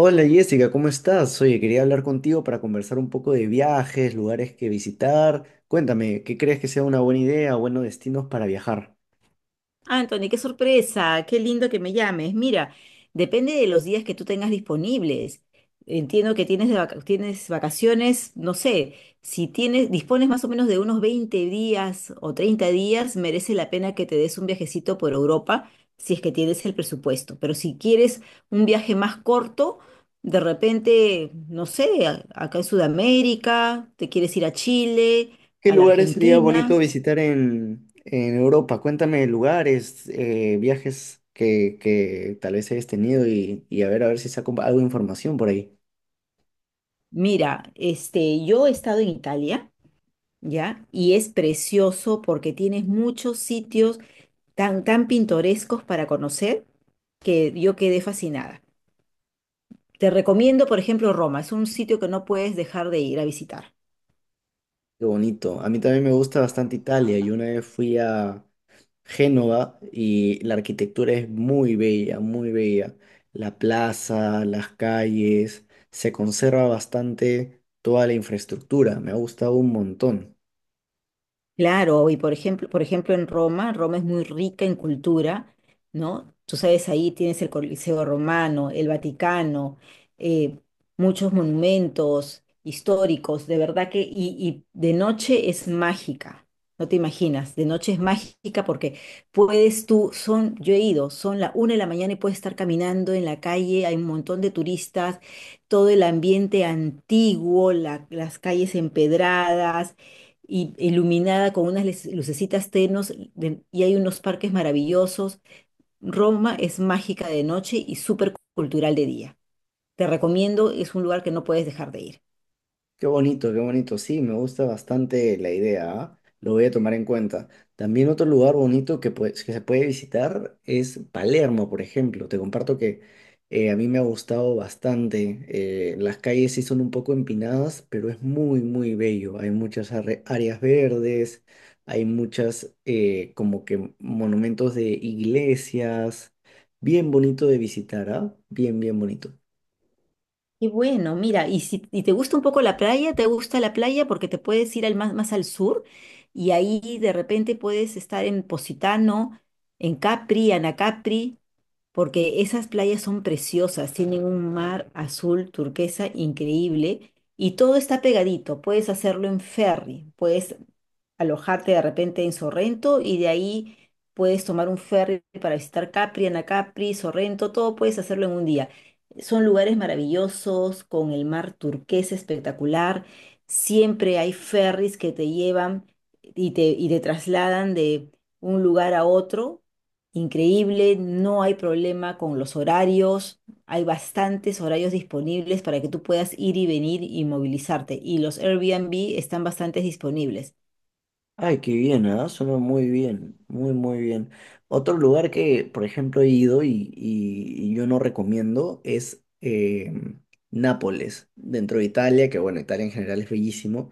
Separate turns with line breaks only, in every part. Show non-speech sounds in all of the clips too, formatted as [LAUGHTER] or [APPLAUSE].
Hola Jessica, ¿cómo estás? Oye, quería hablar contigo para conversar un poco de viajes, lugares que visitar. Cuéntame, ¿qué crees que sea una buena idea o buenos destinos para viajar?
Anthony, qué sorpresa, qué lindo que me llames. Mira, depende de los días que tú tengas disponibles. Entiendo que tienes, tienes vacaciones, no sé, si tienes, dispones más o menos de unos 20 días o 30 días, merece la pena que te des un viajecito por Europa si es que tienes el presupuesto. Pero si quieres un viaje más corto, de repente, no sé, acá en Sudamérica, te quieres ir a Chile,
¿Qué
a la
lugares sería
Argentina.
bonito visitar en Europa? Cuéntame lugares, viajes que tal vez hayas tenido y a ver si saco algo de información por ahí.
Mira, este, yo he estado en Italia. ¿Ya? Y es precioso porque tienes muchos sitios tan, tan pintorescos para conocer que yo quedé fascinada. Te recomiendo, por ejemplo, Roma. Es un sitio que no puedes dejar de ir a visitar.
Qué bonito. A mí también me gusta bastante Italia. Yo una vez fui a Génova, y la arquitectura es muy bella, muy bella. La plaza, las calles, se conserva bastante toda la infraestructura, me ha gustado un montón.
Claro, y por ejemplo en Roma. Roma es muy rica en cultura, ¿no? Tú sabes, ahí tienes el Coliseo Romano, el Vaticano, eh, muchos monumentos históricos, de verdad que, y de noche es mágica, no te imaginas, de noche es mágica porque puedes tú, son, yo he ido, son la una de la mañana y puedes estar caminando en la calle, hay un montón de turistas, todo el ambiente antiguo, las calles empedradas y iluminada con unas lucecitas tenos y hay unos parques maravillosos. Roma es mágica de noche y súper cultural de día. Te recomiendo, es un lugar que no puedes dejar de ir.
Qué bonito, qué bonito. Sí, me gusta bastante la idea, ¿ah? Lo voy a tomar en cuenta. También otro lugar bonito que, pues, que se puede visitar es Palermo, por ejemplo. Te comparto que a mí me ha gustado bastante. Las calles sí son un poco empinadas, pero es muy, muy bello. Hay muchas áreas verdes, hay muchas como que monumentos de iglesias. Bien bonito de visitar, ¿ah? Bien, bien bonito.
Y bueno, mira, y si y te gusta un poco la playa, te gusta la playa porque te puedes ir más al sur y ahí de repente puedes estar en Positano, en Capri, Anacapri, porque esas playas son preciosas, tienen un mar azul turquesa increíble y todo está pegadito. Puedes hacerlo en ferry, puedes alojarte de repente en Sorrento y de ahí puedes tomar un ferry para visitar Capri, Anacapri, Sorrento, todo puedes hacerlo en un día. Son lugares maravillosos, con el mar turquesa espectacular. Siempre hay ferries que te llevan y te trasladan de un lugar a otro. Increíble, no hay problema con los horarios, hay bastantes horarios disponibles para que tú puedas ir y venir y movilizarte y los Airbnb están bastante disponibles.
Ay, qué bien, ¿ah? Suena muy bien, muy, muy bien. Otro lugar que, por ejemplo, he ido y yo no recomiendo es Nápoles, dentro de Italia, que bueno, Italia en general es bellísimo.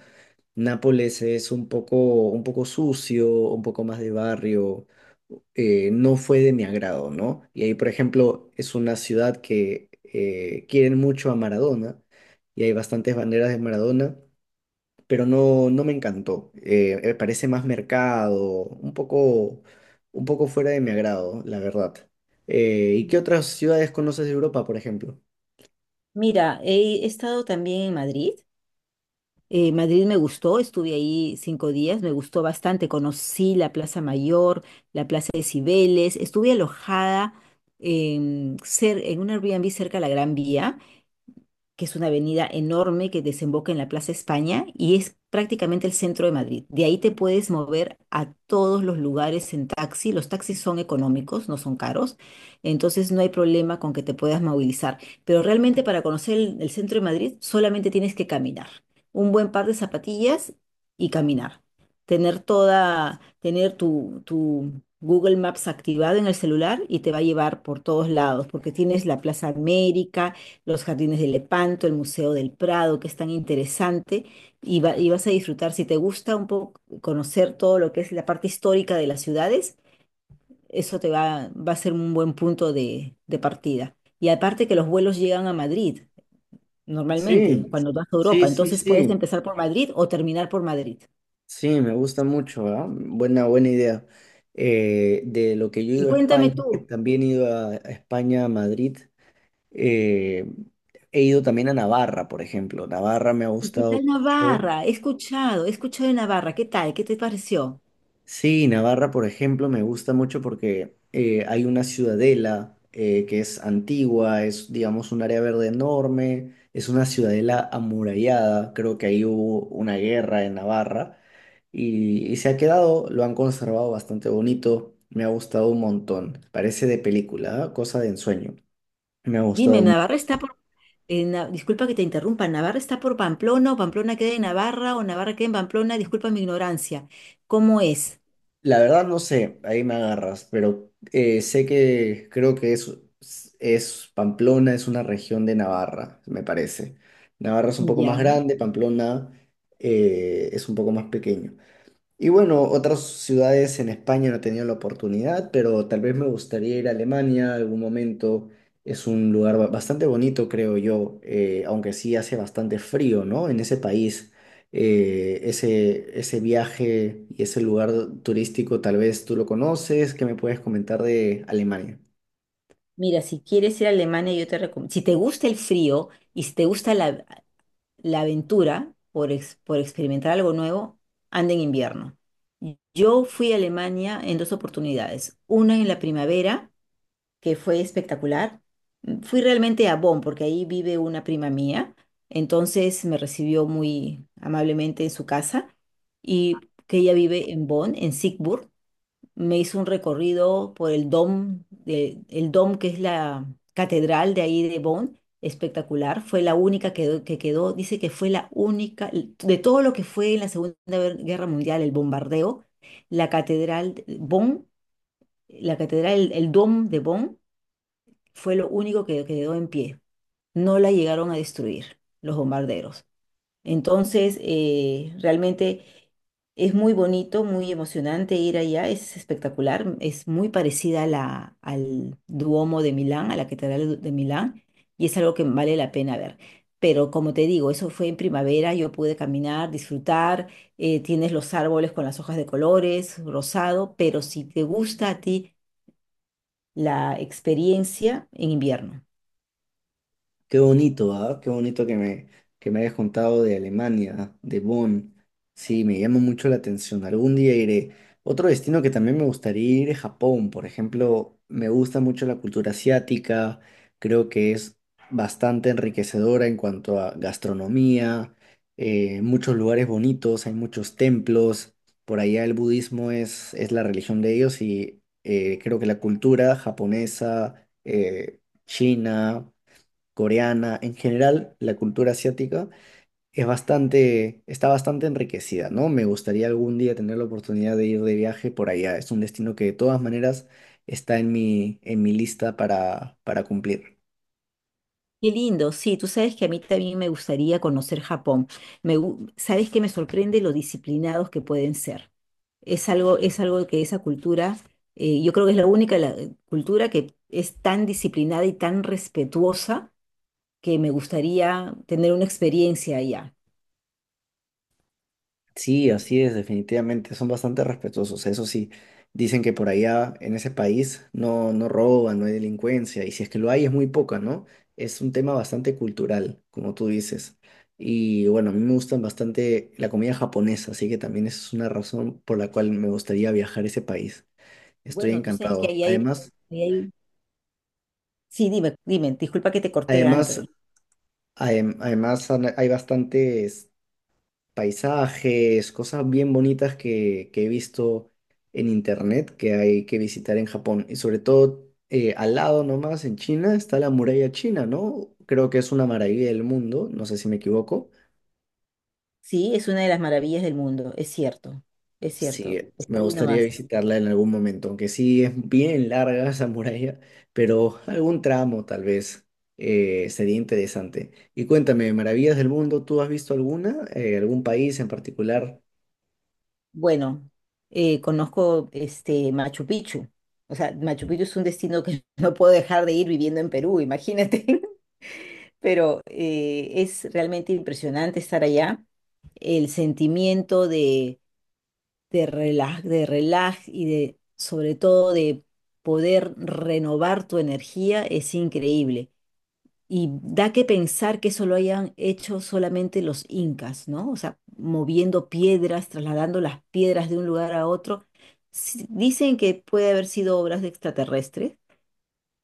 Nápoles es un poco sucio, un poco más de barrio, no fue de mi agrado, ¿no? Y ahí, por ejemplo, es una ciudad que quieren mucho a Maradona y hay bastantes banderas de Maradona, pero no, no me encantó. Me parece más mercado, un poco, un poco fuera de mi agrado, la verdad. ¿Y qué otras ciudades conoces de Europa, por ejemplo?
Mira, he estado también en Madrid. Madrid me gustó, estuve ahí 5 días, me gustó bastante. Conocí la Plaza Mayor, la Plaza de Cibeles, estuve alojada en, en un Airbnb cerca de la Gran Vía, que es una avenida enorme que desemboca en la Plaza España y es prácticamente el centro de Madrid. De ahí te puedes mover a todos los lugares en taxi. Los taxis son económicos, no son caros, entonces no hay problema con que te puedas movilizar. Pero realmente para conocer el centro de Madrid solamente tienes que caminar. Un buen par de zapatillas y caminar. Tener toda, tener tu, tu Google Maps activado en el celular y te va a llevar por todos lados, porque tienes la Plaza América, los jardines de Lepanto, el Museo del Prado, que es tan interesante, y, y vas a disfrutar, si te gusta un poco conocer todo lo que es la parte histórica de las ciudades, eso te va, va a ser un buen punto de partida. Y aparte que los vuelos llegan a Madrid,
Sí,
normalmente, cuando vas a
sí,
Europa,
sí,
entonces puedes
sí.
empezar por Madrid o terminar por Madrid.
Sí, me gusta mucho, ¿ah? Buena, buena idea. De lo que yo he
Y
ido a
cuéntame
España, que
tú,
también he ido a España, a Madrid, eh, he ido también a Navarra, por ejemplo. Navarra me ha
¿y qué
gustado
tal
mucho.
Navarra? He escuchado de Navarra, ¿qué tal? ¿Qué te pareció?
Sí, Navarra, por ejemplo, me gusta mucho porque hay una ciudadela que es antigua, es, digamos, un área verde enorme, es una ciudadela amurallada, creo que ahí hubo una guerra en Navarra y se ha quedado, lo han conservado bastante bonito, me ha gustado un montón, parece de película, ¿ah? Cosa de ensueño, me ha
Dime,
gustado.
Navarra está por… Disculpa que te interrumpa, ¿Navarra está por Pamplona o Pamplona queda en Navarra o Navarra queda en Pamplona? Disculpa mi ignorancia. ¿Cómo es?
La verdad no sé, ahí me agarras, pero sé que creo que es Pamplona, es una región de Navarra, me parece. Navarra es un poco más
Ya.
grande, Pamplona es un poco más pequeño. Y bueno, otras ciudades en España no he tenido la oportunidad, pero tal vez me gustaría ir a Alemania algún momento. Es un lugar bastante bonito, creo yo, aunque sí hace bastante frío, ¿no? En ese país, ese viaje y ese lugar turístico, tal vez tú lo conoces. ¿Qué me puedes comentar de Alemania?
Mira, si quieres ir a Alemania, yo te recomiendo. Si te gusta el frío y si te gusta la aventura por, por experimentar algo nuevo, anda en invierno. Yo fui a Alemania en dos oportunidades. Una en la primavera que fue espectacular. Fui realmente a Bonn, porque ahí vive una prima mía, entonces me recibió muy amablemente en su casa y que ella vive en Bonn, en Siegburg. Me hizo un recorrido por el Dom, el Dom que es la catedral de ahí de Bonn, espectacular. Fue la única que quedó, dice que fue la única, de todo lo que fue en la Segunda Guerra Mundial, el bombardeo, la catedral de Bonn, la catedral, el Dom de Bonn fue lo único que quedó en pie. No la llegaron a destruir los bombarderos. Entonces, realmente es muy bonito, muy emocionante ir allá, es espectacular, es muy parecida a al Duomo de Milán, a la Catedral de Milán, y es algo que vale la pena ver. Pero como te digo, eso fue en primavera, yo pude caminar, disfrutar, tienes los árboles con las hojas de colores, rosado, pero si te gusta a ti la experiencia en invierno.
Qué bonito, ¿ah? Qué bonito que me hayas contado de Alemania, de Bonn. Sí, me llama mucho la atención. Algún día iré. Otro destino que también me gustaría ir es Japón. Por ejemplo, me gusta mucho la cultura asiática. Creo que es bastante enriquecedora en cuanto a gastronomía, muchos lugares bonitos, hay muchos templos. Por allá el budismo es la religión de ellos y creo que la cultura japonesa, china, coreana, en general la cultura asiática es bastante, está bastante enriquecida, ¿no? Me gustaría algún día tener la oportunidad de ir de viaje por allá. Es un destino que de todas maneras está en mi lista para cumplir.
Qué lindo, sí, tú sabes que a mí también me gustaría conocer Japón. Sabes que me sorprende lo disciplinados que pueden ser. Es algo que esa cultura, yo creo que es la única cultura que es tan disciplinada y tan respetuosa que me gustaría tener una experiencia allá.
Sí, así es, definitivamente. Son bastante respetuosos. Eso sí, dicen que por allá, en ese país, no, no roban, no hay delincuencia. Y si es que lo hay, es muy poca, ¿no? Es un tema bastante cultural, como tú dices. Y bueno, a mí me gustan bastante la comida japonesa, así que también esa es una razón por la cual me gustaría viajar a ese país. Estoy
Bueno, tú sabes que
encantado.
ahí hay,
Además,
ahí hay- Sí, dime, dime, disculpa que te corté, Anthony.
además, hay bastantes paisajes, cosas bien bonitas que he visto en internet que hay que visitar en Japón. Y sobre todo, al lado nomás, en China, está la muralla china, ¿no? Creo que es una maravilla del mundo, no sé si me equivoco.
Sí, es una de las maravillas del mundo, es cierto, es
Sí,
cierto.
me
Está ahí
gustaría
nomás.
visitarla en algún momento, aunque sí es bien larga [LAUGHS] esa muralla, pero algún tramo tal vez sería interesante. Y cuéntame, maravillas del mundo, ¿tú has visto alguna? ¿Algún país en particular?
Bueno, conozco este Machu Picchu. O sea, Machu Picchu es un destino que [LAUGHS] no puedo dejar de ir viviendo en Perú, imagínate. [LAUGHS] Pero es realmente impresionante estar allá. El sentimiento de, de relaj y de, sobre todo, de poder renovar tu energía es increíble. Y da que pensar que eso lo hayan hecho solamente los incas, ¿no? O sea, moviendo piedras, trasladando las piedras de un lugar a otro. Sí, dicen que puede haber sido obras de extraterrestres,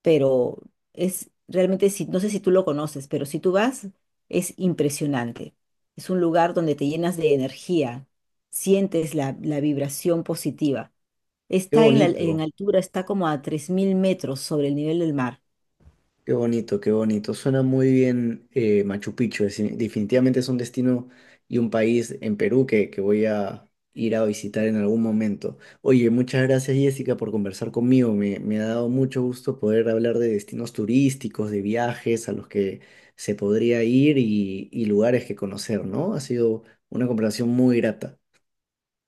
pero es realmente, si, no sé si tú lo conoces, pero si tú vas, es impresionante. Es un lugar donde te llenas de energía, sientes la vibración positiva.
Qué
Está en en
bonito.
altura, está como a 3000 metros sobre el nivel del mar.
Qué bonito, qué bonito. Suena muy bien, Machu Picchu. Definitivamente es un destino y un país en Perú que voy a ir a visitar en algún momento. Oye, muchas gracias Jessica por conversar conmigo. Me ha dado mucho gusto poder hablar de destinos turísticos, de viajes a los que se podría ir y lugares que conocer, ¿no? Ha sido una conversación muy grata.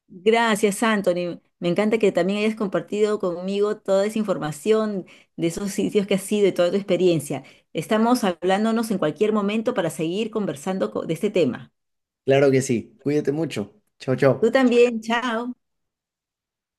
Gracias, Anthony. Me encanta que también hayas compartido conmigo toda esa información de esos sitios que has ido y toda tu experiencia. Estamos hablándonos en cualquier momento para seguir conversando de este tema.
Claro que sí. Cuídate mucho. Chao,
Tú
chao.
también, chao.